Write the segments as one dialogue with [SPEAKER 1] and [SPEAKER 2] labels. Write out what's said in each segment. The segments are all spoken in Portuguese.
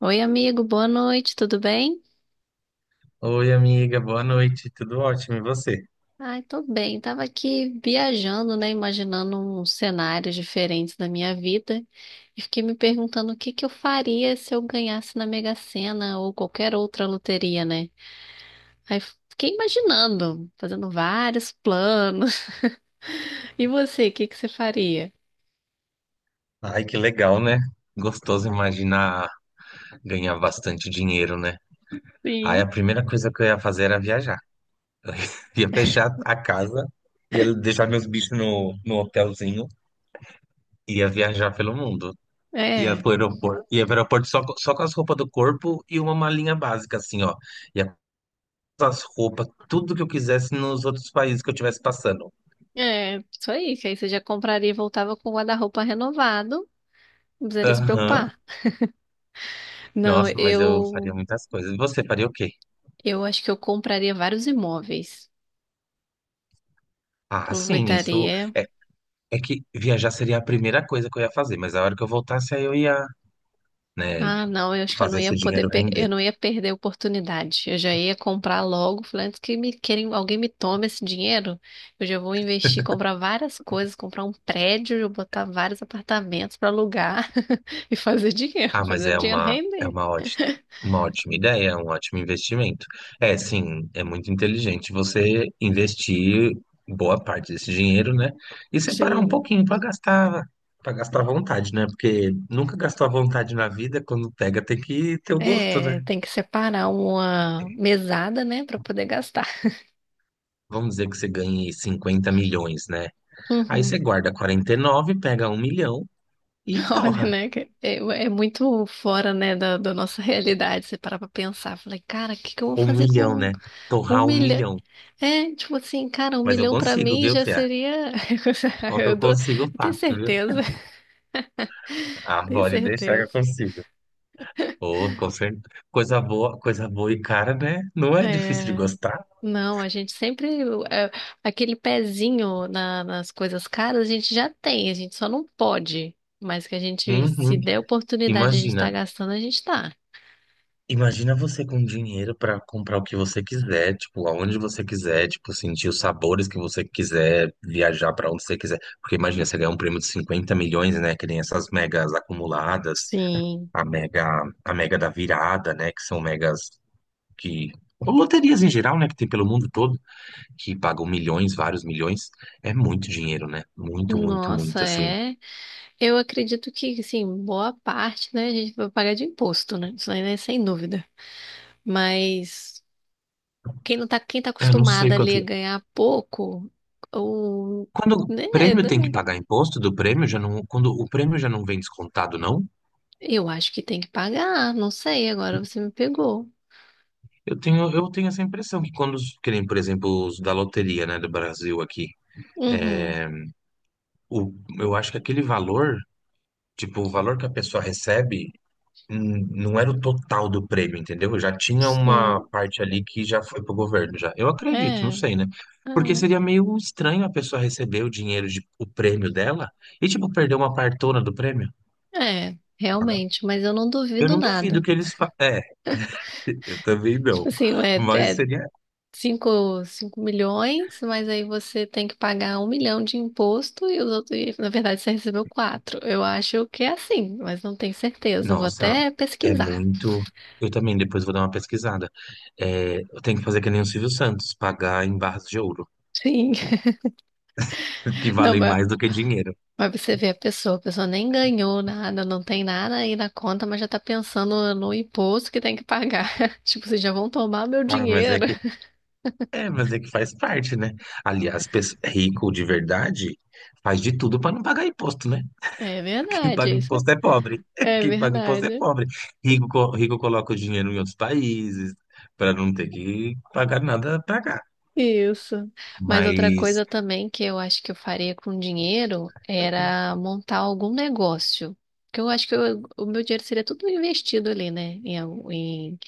[SPEAKER 1] Oi, amigo, boa noite, tudo bem?
[SPEAKER 2] Oi, amiga, boa noite, tudo ótimo, e você?
[SPEAKER 1] Ai, tô bem. Tava aqui viajando, né? Imaginando uns cenários diferentes da minha vida e fiquei me perguntando o que que eu faria se eu ganhasse na Mega Sena ou qualquer outra loteria, né? Aí fiquei imaginando, fazendo vários planos. E você, o que que você faria?
[SPEAKER 2] Ai, que legal, né? Gostoso imaginar ganhar bastante dinheiro, né? Ai, a
[SPEAKER 1] Sim.
[SPEAKER 2] primeira coisa que eu ia fazer era viajar. Ia fechar a casa, ia deixar meus bichos no hotelzinho, ia viajar pelo mundo.
[SPEAKER 1] É,
[SPEAKER 2] Ia pro aeroporto só, só com as roupas do corpo e uma malinha básica, assim, ó. Ia com as roupas, tudo que eu quisesse nos outros países que eu estivesse passando.
[SPEAKER 1] isso aí, que aí você já compraria e voltava com o guarda-roupa renovado, não precisaria se
[SPEAKER 2] Aham,
[SPEAKER 1] preocupar. Não,
[SPEAKER 2] nossa, mas eu faria
[SPEAKER 1] eu
[SPEAKER 2] muitas coisas. E você faria o quê?
[SPEAKER 1] Eu acho que eu compraria vários imóveis.
[SPEAKER 2] Ah, sim, isso.
[SPEAKER 1] Aproveitaria.
[SPEAKER 2] É que viajar seria a primeira coisa que eu ia fazer, mas a hora que eu voltasse, aí eu ia, né,
[SPEAKER 1] Ah, não, eu acho que eu não
[SPEAKER 2] fazer
[SPEAKER 1] ia
[SPEAKER 2] esse
[SPEAKER 1] poder,
[SPEAKER 2] dinheiro render.
[SPEAKER 1] eu não ia perder a oportunidade. Eu já ia comprar logo, falei, antes que me querem, alguém me tome esse dinheiro, eu já vou investir, comprar várias coisas, comprar um prédio, eu botar vários apartamentos para alugar e fazer dinheiro,
[SPEAKER 2] Ah, mas
[SPEAKER 1] fazer o dinheiro render.
[SPEAKER 2] uma ótima ideia, é um ótimo investimento. É, sim, é muito inteligente você investir boa parte desse dinheiro, né, e separar um
[SPEAKER 1] Sim.
[SPEAKER 2] pouquinho para gastar à vontade, né, porque nunca gastou à vontade na vida, quando pega tem que ter o gosto,
[SPEAKER 1] É,
[SPEAKER 2] né.
[SPEAKER 1] tem que separar uma mesada, né, para poder gastar.
[SPEAKER 2] Vamos dizer que você ganhe 50 milhões, né, aí você
[SPEAKER 1] Uhum.
[SPEAKER 2] guarda 49, pega 1 milhão e
[SPEAKER 1] Olha,
[SPEAKER 2] torra.
[SPEAKER 1] né? É muito fora, né, da nossa realidade. Você parar pra pensar. Falei, cara, o que que eu vou
[SPEAKER 2] Um
[SPEAKER 1] fazer
[SPEAKER 2] milhão,
[SPEAKER 1] com
[SPEAKER 2] né?
[SPEAKER 1] um
[SPEAKER 2] Torrar um
[SPEAKER 1] milhão?
[SPEAKER 2] milhão.
[SPEAKER 1] É, tipo assim, cara, um
[SPEAKER 2] Mas eu
[SPEAKER 1] milhão pra
[SPEAKER 2] consigo,
[SPEAKER 1] mim
[SPEAKER 2] viu,
[SPEAKER 1] já
[SPEAKER 2] Fia?
[SPEAKER 1] seria.
[SPEAKER 2] Qual que
[SPEAKER 1] Eu,
[SPEAKER 2] eu
[SPEAKER 1] dou...
[SPEAKER 2] consigo
[SPEAKER 1] eu tenho
[SPEAKER 2] fácil, viu?
[SPEAKER 1] certeza,
[SPEAKER 2] Ah,
[SPEAKER 1] tenho
[SPEAKER 2] pode deixar que
[SPEAKER 1] certeza.
[SPEAKER 2] eu consigo. Ô, com certeza. Coisa boa e cara, né? Não é difícil de
[SPEAKER 1] É,
[SPEAKER 2] gostar.
[SPEAKER 1] não, a gente sempre. É, aquele pezinho nas coisas caras a gente já tem, a gente só não pode. Mas que a gente, se
[SPEAKER 2] Uhum.
[SPEAKER 1] der oportunidade, a gente tá
[SPEAKER 2] Imagina.
[SPEAKER 1] gastando, a gente tá.
[SPEAKER 2] Imagina você com dinheiro pra comprar o que você quiser, tipo, aonde você quiser, tipo, sentir os sabores que você quiser, viajar pra onde você quiser. Porque imagina, você ganhar um prêmio de 50 milhões, né? Que nem essas megas acumuladas,
[SPEAKER 1] Sim.
[SPEAKER 2] a mega, a mega da virada, né? Que são megas que ou loterias em geral, né, que tem pelo mundo todo, que pagam milhões, vários milhões, é muito dinheiro, né? Muito, muito,
[SPEAKER 1] Nossa,
[SPEAKER 2] muito, assim.
[SPEAKER 1] é. Eu acredito que, assim, boa parte, né, a gente vai pagar de imposto, né? Isso aí, né, sem dúvida. Mas quem não tá, quem tá
[SPEAKER 2] Eu não sei
[SPEAKER 1] acostumada ali
[SPEAKER 2] quanto.
[SPEAKER 1] a ganhar pouco, ou,
[SPEAKER 2] Quando o
[SPEAKER 1] né, né,
[SPEAKER 2] prêmio
[SPEAKER 1] né,
[SPEAKER 2] tem que pagar imposto do prêmio, já não, quando o prêmio já não vem descontado, não?
[SPEAKER 1] eu acho que tem que pagar, não sei, agora você me pegou.
[SPEAKER 2] Eu tenho essa impressão que quando, que nem, por exemplo, os da loteria, né, do Brasil aqui,
[SPEAKER 1] Uhum,
[SPEAKER 2] o, eu acho que aquele valor, tipo, o valor que a pessoa recebe, não era o total do prêmio, entendeu? Já tinha uma
[SPEAKER 1] sim,
[SPEAKER 2] parte ali que já foi pro governo já. Eu acredito, não
[SPEAKER 1] é,
[SPEAKER 2] sei, né? Porque
[SPEAKER 1] é,
[SPEAKER 2] seria meio estranho a pessoa receber o dinheiro de o prêmio dela e tipo perder uma partona do prêmio. Né?
[SPEAKER 1] realmente, mas eu não
[SPEAKER 2] Eu
[SPEAKER 1] duvido
[SPEAKER 2] não duvido
[SPEAKER 1] nada.
[SPEAKER 2] que eles É, eu também não.
[SPEAKER 1] Tipo assim,
[SPEAKER 2] Mas seria.
[SPEAKER 1] 5 5 milhões, mas aí você tem que pagar um milhão de imposto e os outros, e, na verdade, você recebeu quatro. Eu acho que é assim, mas não tenho certeza. Eu vou
[SPEAKER 2] Nossa,
[SPEAKER 1] até
[SPEAKER 2] é
[SPEAKER 1] pesquisar.
[SPEAKER 2] muito. Eu também depois vou dar uma pesquisada. É, eu tenho que fazer que nem o Silvio Santos, pagar em barras de ouro,
[SPEAKER 1] Sim.
[SPEAKER 2] que
[SPEAKER 1] Não,
[SPEAKER 2] valem mais do que dinheiro.
[SPEAKER 1] mas você vê a pessoa nem ganhou nada, não tem nada aí na conta, mas já tá pensando no imposto que tem que pagar. Tipo, vocês já vão tomar meu
[SPEAKER 2] Ah, mas é
[SPEAKER 1] dinheiro.
[SPEAKER 2] que É, mas é que faz parte, né? Aliás, rico de verdade faz de tudo para não pagar imposto, né?
[SPEAKER 1] É
[SPEAKER 2] Quem paga
[SPEAKER 1] verdade, isso é
[SPEAKER 2] imposto é pobre.
[SPEAKER 1] é
[SPEAKER 2] Quem paga imposto é
[SPEAKER 1] verdade.
[SPEAKER 2] pobre. Rico, rico coloca o dinheiro em outros países para não ter que pagar nada para cá.
[SPEAKER 1] Isso. Mas outra
[SPEAKER 2] Mas
[SPEAKER 1] coisa também que eu acho que eu faria com dinheiro era montar algum negócio. Porque eu acho que o meu dinheiro seria tudo investido ali, né?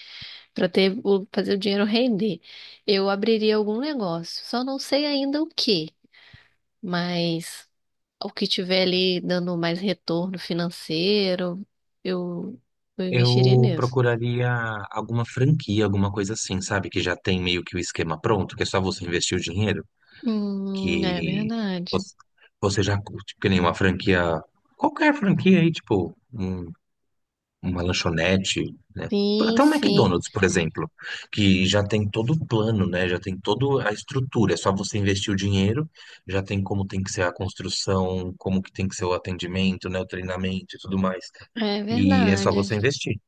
[SPEAKER 1] Para ter, fazer o dinheiro render. Eu abriria algum negócio. Só não sei ainda o que, mas o que tiver ali dando mais retorno financeiro, eu, eu investiria
[SPEAKER 2] eu
[SPEAKER 1] nisso.
[SPEAKER 2] procuraria alguma franquia, alguma coisa assim, sabe? Que já tem meio que o esquema pronto, que é só você investir o dinheiro,
[SPEAKER 1] É
[SPEAKER 2] que
[SPEAKER 1] verdade.
[SPEAKER 2] você já curte, que nem uma franquia, qualquer franquia aí, tipo, uma lanchonete, né?
[SPEAKER 1] Sim,
[SPEAKER 2] Até um
[SPEAKER 1] sim,
[SPEAKER 2] McDonald's, por exemplo, que já tem todo o plano, né? Já tem toda a estrutura. É só você investir o dinheiro, já tem como tem que ser a construção, como que tem que ser o atendimento, né? O treinamento e tudo mais.
[SPEAKER 1] é
[SPEAKER 2] E é só
[SPEAKER 1] verdade.
[SPEAKER 2] você investir.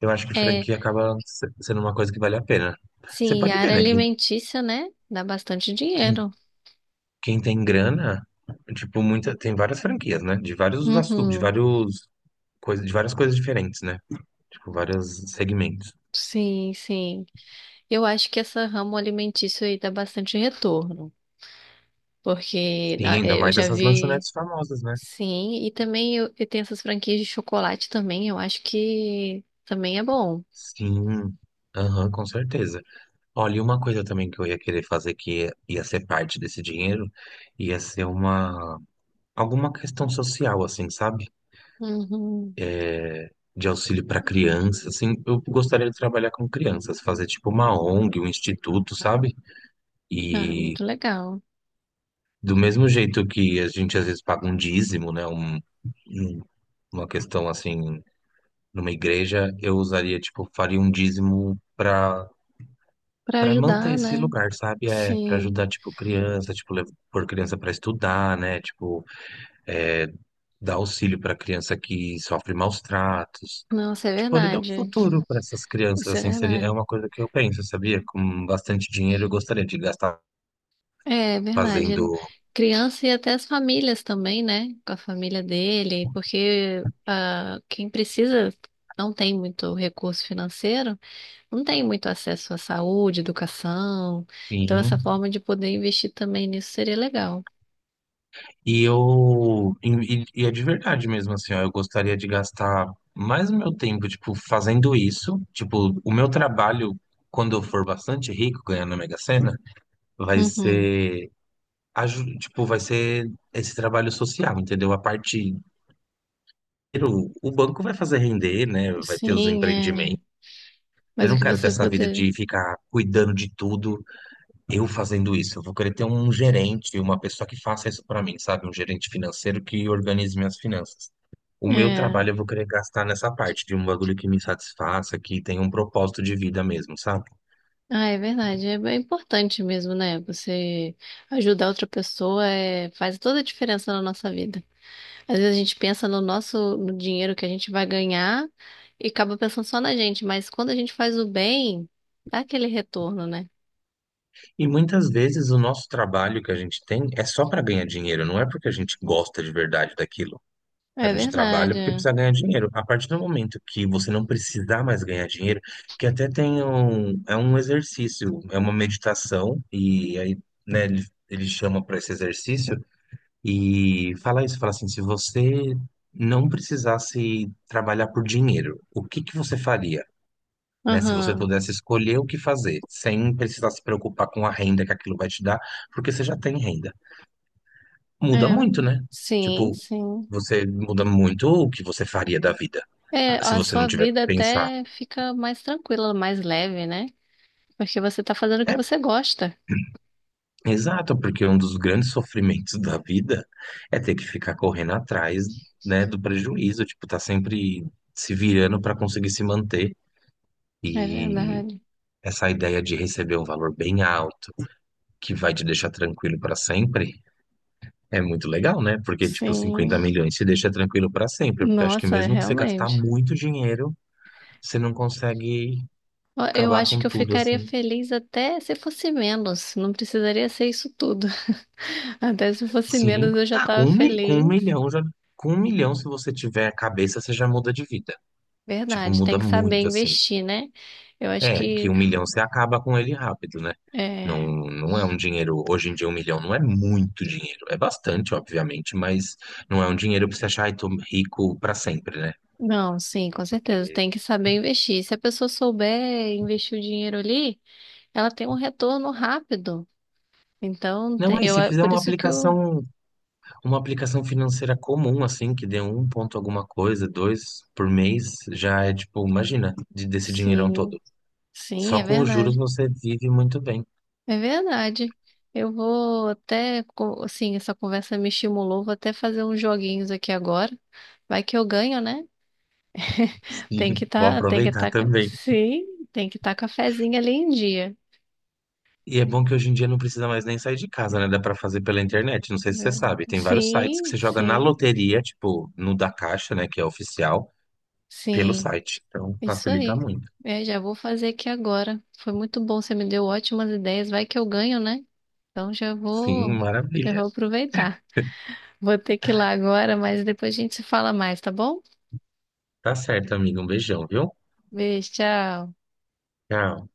[SPEAKER 2] Eu acho que
[SPEAKER 1] É,
[SPEAKER 2] franquia acaba sendo uma coisa que vale a pena. Você
[SPEAKER 1] Sim,
[SPEAKER 2] pode
[SPEAKER 1] a
[SPEAKER 2] ver,
[SPEAKER 1] área
[SPEAKER 2] né?
[SPEAKER 1] alimentícia, né? Dá bastante
[SPEAKER 2] Quem,
[SPEAKER 1] dinheiro.
[SPEAKER 2] quem tem grana, tipo, muita, tem várias franquias, né? De vários assuntos,
[SPEAKER 1] Uhum.
[SPEAKER 2] de várias coisas diferentes, né? Tipo, vários segmentos.
[SPEAKER 1] Sim, sim. Eu acho que essa ramo alimentício aí dá bastante retorno, porque
[SPEAKER 2] Sim, ainda
[SPEAKER 1] eu
[SPEAKER 2] mais
[SPEAKER 1] já
[SPEAKER 2] essas
[SPEAKER 1] vi,
[SPEAKER 2] lanchonetes famosas, né?
[SPEAKER 1] sim, e também eu, e tem essas franquias de chocolate também, eu acho que também é bom.
[SPEAKER 2] Sim, aham, com certeza. Olha, e uma coisa também que eu ia querer fazer que ia ser parte desse dinheiro, ia ser uma alguma questão social, assim, sabe?
[SPEAKER 1] Uhum.
[SPEAKER 2] De auxílio para crianças, assim, eu gostaria de trabalhar com crianças, fazer tipo uma ONG, um instituto, sabe?
[SPEAKER 1] Ah,
[SPEAKER 2] E
[SPEAKER 1] muito legal.
[SPEAKER 2] do mesmo jeito que a gente às vezes paga um dízimo, né? Um- uma questão assim, numa igreja, eu usaria, tipo, faria um dízimo para
[SPEAKER 1] Para
[SPEAKER 2] Pra manter
[SPEAKER 1] ajudar,
[SPEAKER 2] esse
[SPEAKER 1] né?
[SPEAKER 2] lugar, sabe? É para
[SPEAKER 1] Sim.
[SPEAKER 2] ajudar, tipo, criança, tipo, pôr criança pra estudar, né? Tipo, é, dar auxílio pra criança que sofre maus tratos.
[SPEAKER 1] Nossa, é
[SPEAKER 2] Tipo, poder dar um
[SPEAKER 1] verdade.
[SPEAKER 2] futuro pra essas crianças,
[SPEAKER 1] Isso é
[SPEAKER 2] assim, seria, é
[SPEAKER 1] verdade.
[SPEAKER 2] uma coisa que eu penso, sabia? Com bastante dinheiro eu gostaria de gastar
[SPEAKER 1] É verdade.
[SPEAKER 2] fazendo,
[SPEAKER 1] Criança e até as famílias também, né? Com a família dele, porque ah, quem precisa não tem muito recurso financeiro, não tem muito acesso à saúde, educação. Então,
[SPEAKER 2] sim.
[SPEAKER 1] essa forma de poder investir também nisso seria legal.
[SPEAKER 2] E eu, é de verdade mesmo, assim, ó, eu gostaria de gastar mais o meu tempo, tipo, fazendo isso. Tipo, o meu trabalho, quando eu for bastante rico, ganhando a Mega Sena, vai
[SPEAKER 1] Uhum.
[SPEAKER 2] ser, tipo, vai ser esse trabalho social, entendeu? A parte, o banco vai fazer render, né? Vai ter os
[SPEAKER 1] Sim, é.
[SPEAKER 2] empreendimentos. Eu
[SPEAKER 1] Mas o
[SPEAKER 2] não
[SPEAKER 1] que
[SPEAKER 2] quero ter
[SPEAKER 1] você
[SPEAKER 2] essa vida
[SPEAKER 1] poder.
[SPEAKER 2] de ficar cuidando de tudo, eu fazendo isso. Eu vou querer ter um gerente, uma pessoa que faça isso para mim, sabe? Um gerente financeiro que organize minhas finanças. O meu
[SPEAKER 1] É.
[SPEAKER 2] trabalho eu vou querer gastar nessa parte de um bagulho que me satisfaça, que tenha um propósito de vida mesmo, sabe?
[SPEAKER 1] Ah, é verdade. É bem importante mesmo, né? Você ajudar outra pessoa é... faz toda a diferença na nossa vida. Às vezes a gente pensa no nosso, no dinheiro que a gente vai ganhar e acaba pensando só na gente, mas quando a gente faz o bem, dá aquele retorno, né?
[SPEAKER 2] E muitas vezes o nosso trabalho que a gente tem é só para ganhar dinheiro, não é porque a gente gosta de verdade daquilo. A
[SPEAKER 1] É
[SPEAKER 2] gente trabalha
[SPEAKER 1] verdade,
[SPEAKER 2] porque
[SPEAKER 1] é.
[SPEAKER 2] precisa ganhar dinheiro. A partir do momento que você não precisar mais ganhar dinheiro, que até tem um, é um exercício, é uma meditação, e aí, né, ele chama para esse exercício e fala isso, fala assim, se você não precisasse trabalhar por dinheiro, o que que você faria? Né? Se você
[SPEAKER 1] Aham.
[SPEAKER 2] pudesse escolher o que fazer, sem precisar se preocupar com a renda que aquilo vai te dar, porque você já tem renda. Muda
[SPEAKER 1] É.
[SPEAKER 2] muito, né?
[SPEAKER 1] Sim,
[SPEAKER 2] Tipo,
[SPEAKER 1] sim.
[SPEAKER 2] você muda muito o que você faria da vida,
[SPEAKER 1] É,
[SPEAKER 2] ah, se
[SPEAKER 1] a
[SPEAKER 2] você não
[SPEAKER 1] sua
[SPEAKER 2] tiver que
[SPEAKER 1] vida
[SPEAKER 2] pensar.
[SPEAKER 1] até fica mais tranquila, mais leve, né? Porque você tá fazendo o que
[SPEAKER 2] É,
[SPEAKER 1] você gosta.
[SPEAKER 2] exato, porque um dos grandes sofrimentos da vida é ter que ficar correndo atrás, né, do prejuízo, tipo, tá sempre se virando para conseguir se manter.
[SPEAKER 1] É
[SPEAKER 2] E
[SPEAKER 1] verdade.
[SPEAKER 2] essa ideia de receber um valor bem alto, que vai te deixar tranquilo para sempre, é muito legal, né? Porque, tipo,
[SPEAKER 1] Sim.
[SPEAKER 2] 50 milhões se deixa tranquilo pra sempre. Porque eu acho que
[SPEAKER 1] Nossa, é
[SPEAKER 2] mesmo que você gastar
[SPEAKER 1] realmente.
[SPEAKER 2] muito dinheiro, você não consegue
[SPEAKER 1] Ó, eu
[SPEAKER 2] acabar
[SPEAKER 1] acho
[SPEAKER 2] com
[SPEAKER 1] que eu
[SPEAKER 2] tudo,
[SPEAKER 1] ficaria
[SPEAKER 2] assim.
[SPEAKER 1] feliz até se fosse menos. Não precisaria ser isso tudo. Até se fosse
[SPEAKER 2] Sim,
[SPEAKER 1] menos, eu já
[SPEAKER 2] ah,
[SPEAKER 1] estava
[SPEAKER 2] com um
[SPEAKER 1] feliz.
[SPEAKER 2] milhão já. Com 1 milhão, se você tiver a cabeça, você já muda de vida. Tipo,
[SPEAKER 1] Verdade, tem
[SPEAKER 2] muda
[SPEAKER 1] que saber
[SPEAKER 2] muito, assim.
[SPEAKER 1] investir, né? Eu acho
[SPEAKER 2] É, que
[SPEAKER 1] que
[SPEAKER 2] 1 milhão você acaba com ele rápido, né? Não,
[SPEAKER 1] é...
[SPEAKER 2] não é um dinheiro. Hoje em dia, 1 milhão não é muito dinheiro. É bastante, obviamente, mas não é um dinheiro pra você achar, ai, tô rico pra sempre, né?
[SPEAKER 1] Não, sim, com certeza,
[SPEAKER 2] Porque.
[SPEAKER 1] tem que saber investir. Se a pessoa souber investir o dinheiro ali, ela tem um retorno rápido. Então,
[SPEAKER 2] Não,
[SPEAKER 1] te-
[SPEAKER 2] aí,
[SPEAKER 1] eu
[SPEAKER 2] se
[SPEAKER 1] é
[SPEAKER 2] fizer
[SPEAKER 1] por
[SPEAKER 2] uma
[SPEAKER 1] isso que eu
[SPEAKER 2] aplicação Uma aplicação financeira comum, assim, que dê um ponto alguma coisa, dois por mês, já é tipo, imagina, desse dinheirão
[SPEAKER 1] Sim,
[SPEAKER 2] todo.
[SPEAKER 1] sim,
[SPEAKER 2] Só
[SPEAKER 1] é
[SPEAKER 2] com os juros
[SPEAKER 1] verdade.
[SPEAKER 2] você vive muito bem.
[SPEAKER 1] É verdade. Eu vou até, assim, essa conversa me estimulou, vou até fazer uns joguinhos aqui agora. Vai que eu ganho, né?
[SPEAKER 2] E
[SPEAKER 1] Tem que
[SPEAKER 2] vou
[SPEAKER 1] tá, tem que
[SPEAKER 2] aproveitar
[SPEAKER 1] tá,
[SPEAKER 2] também.
[SPEAKER 1] sim, tem que tá cafezinho ali em dia.
[SPEAKER 2] E é bom que hoje em dia não precisa mais nem sair de casa, né? Dá pra fazer pela internet. Não sei se você
[SPEAKER 1] É.
[SPEAKER 2] sabe. Tem vários sites que
[SPEAKER 1] Sim,
[SPEAKER 2] você joga na
[SPEAKER 1] sim,
[SPEAKER 2] loteria, tipo, no da Caixa, né? Que é oficial, pelo
[SPEAKER 1] sim,
[SPEAKER 2] site. Então
[SPEAKER 1] isso
[SPEAKER 2] facilita
[SPEAKER 1] aí.
[SPEAKER 2] muito.
[SPEAKER 1] É, já vou fazer aqui agora. Foi muito bom, você me deu ótimas ideias. Vai que eu ganho, né? Então já
[SPEAKER 2] Sim,
[SPEAKER 1] vou, já
[SPEAKER 2] maravilha.
[SPEAKER 1] vou aproveitar. Vou ter que ir lá agora, mas depois a gente se fala mais, tá bom?
[SPEAKER 2] Tá certo, amigo. Um beijão, viu?
[SPEAKER 1] Beijo, tchau.
[SPEAKER 2] Tchau.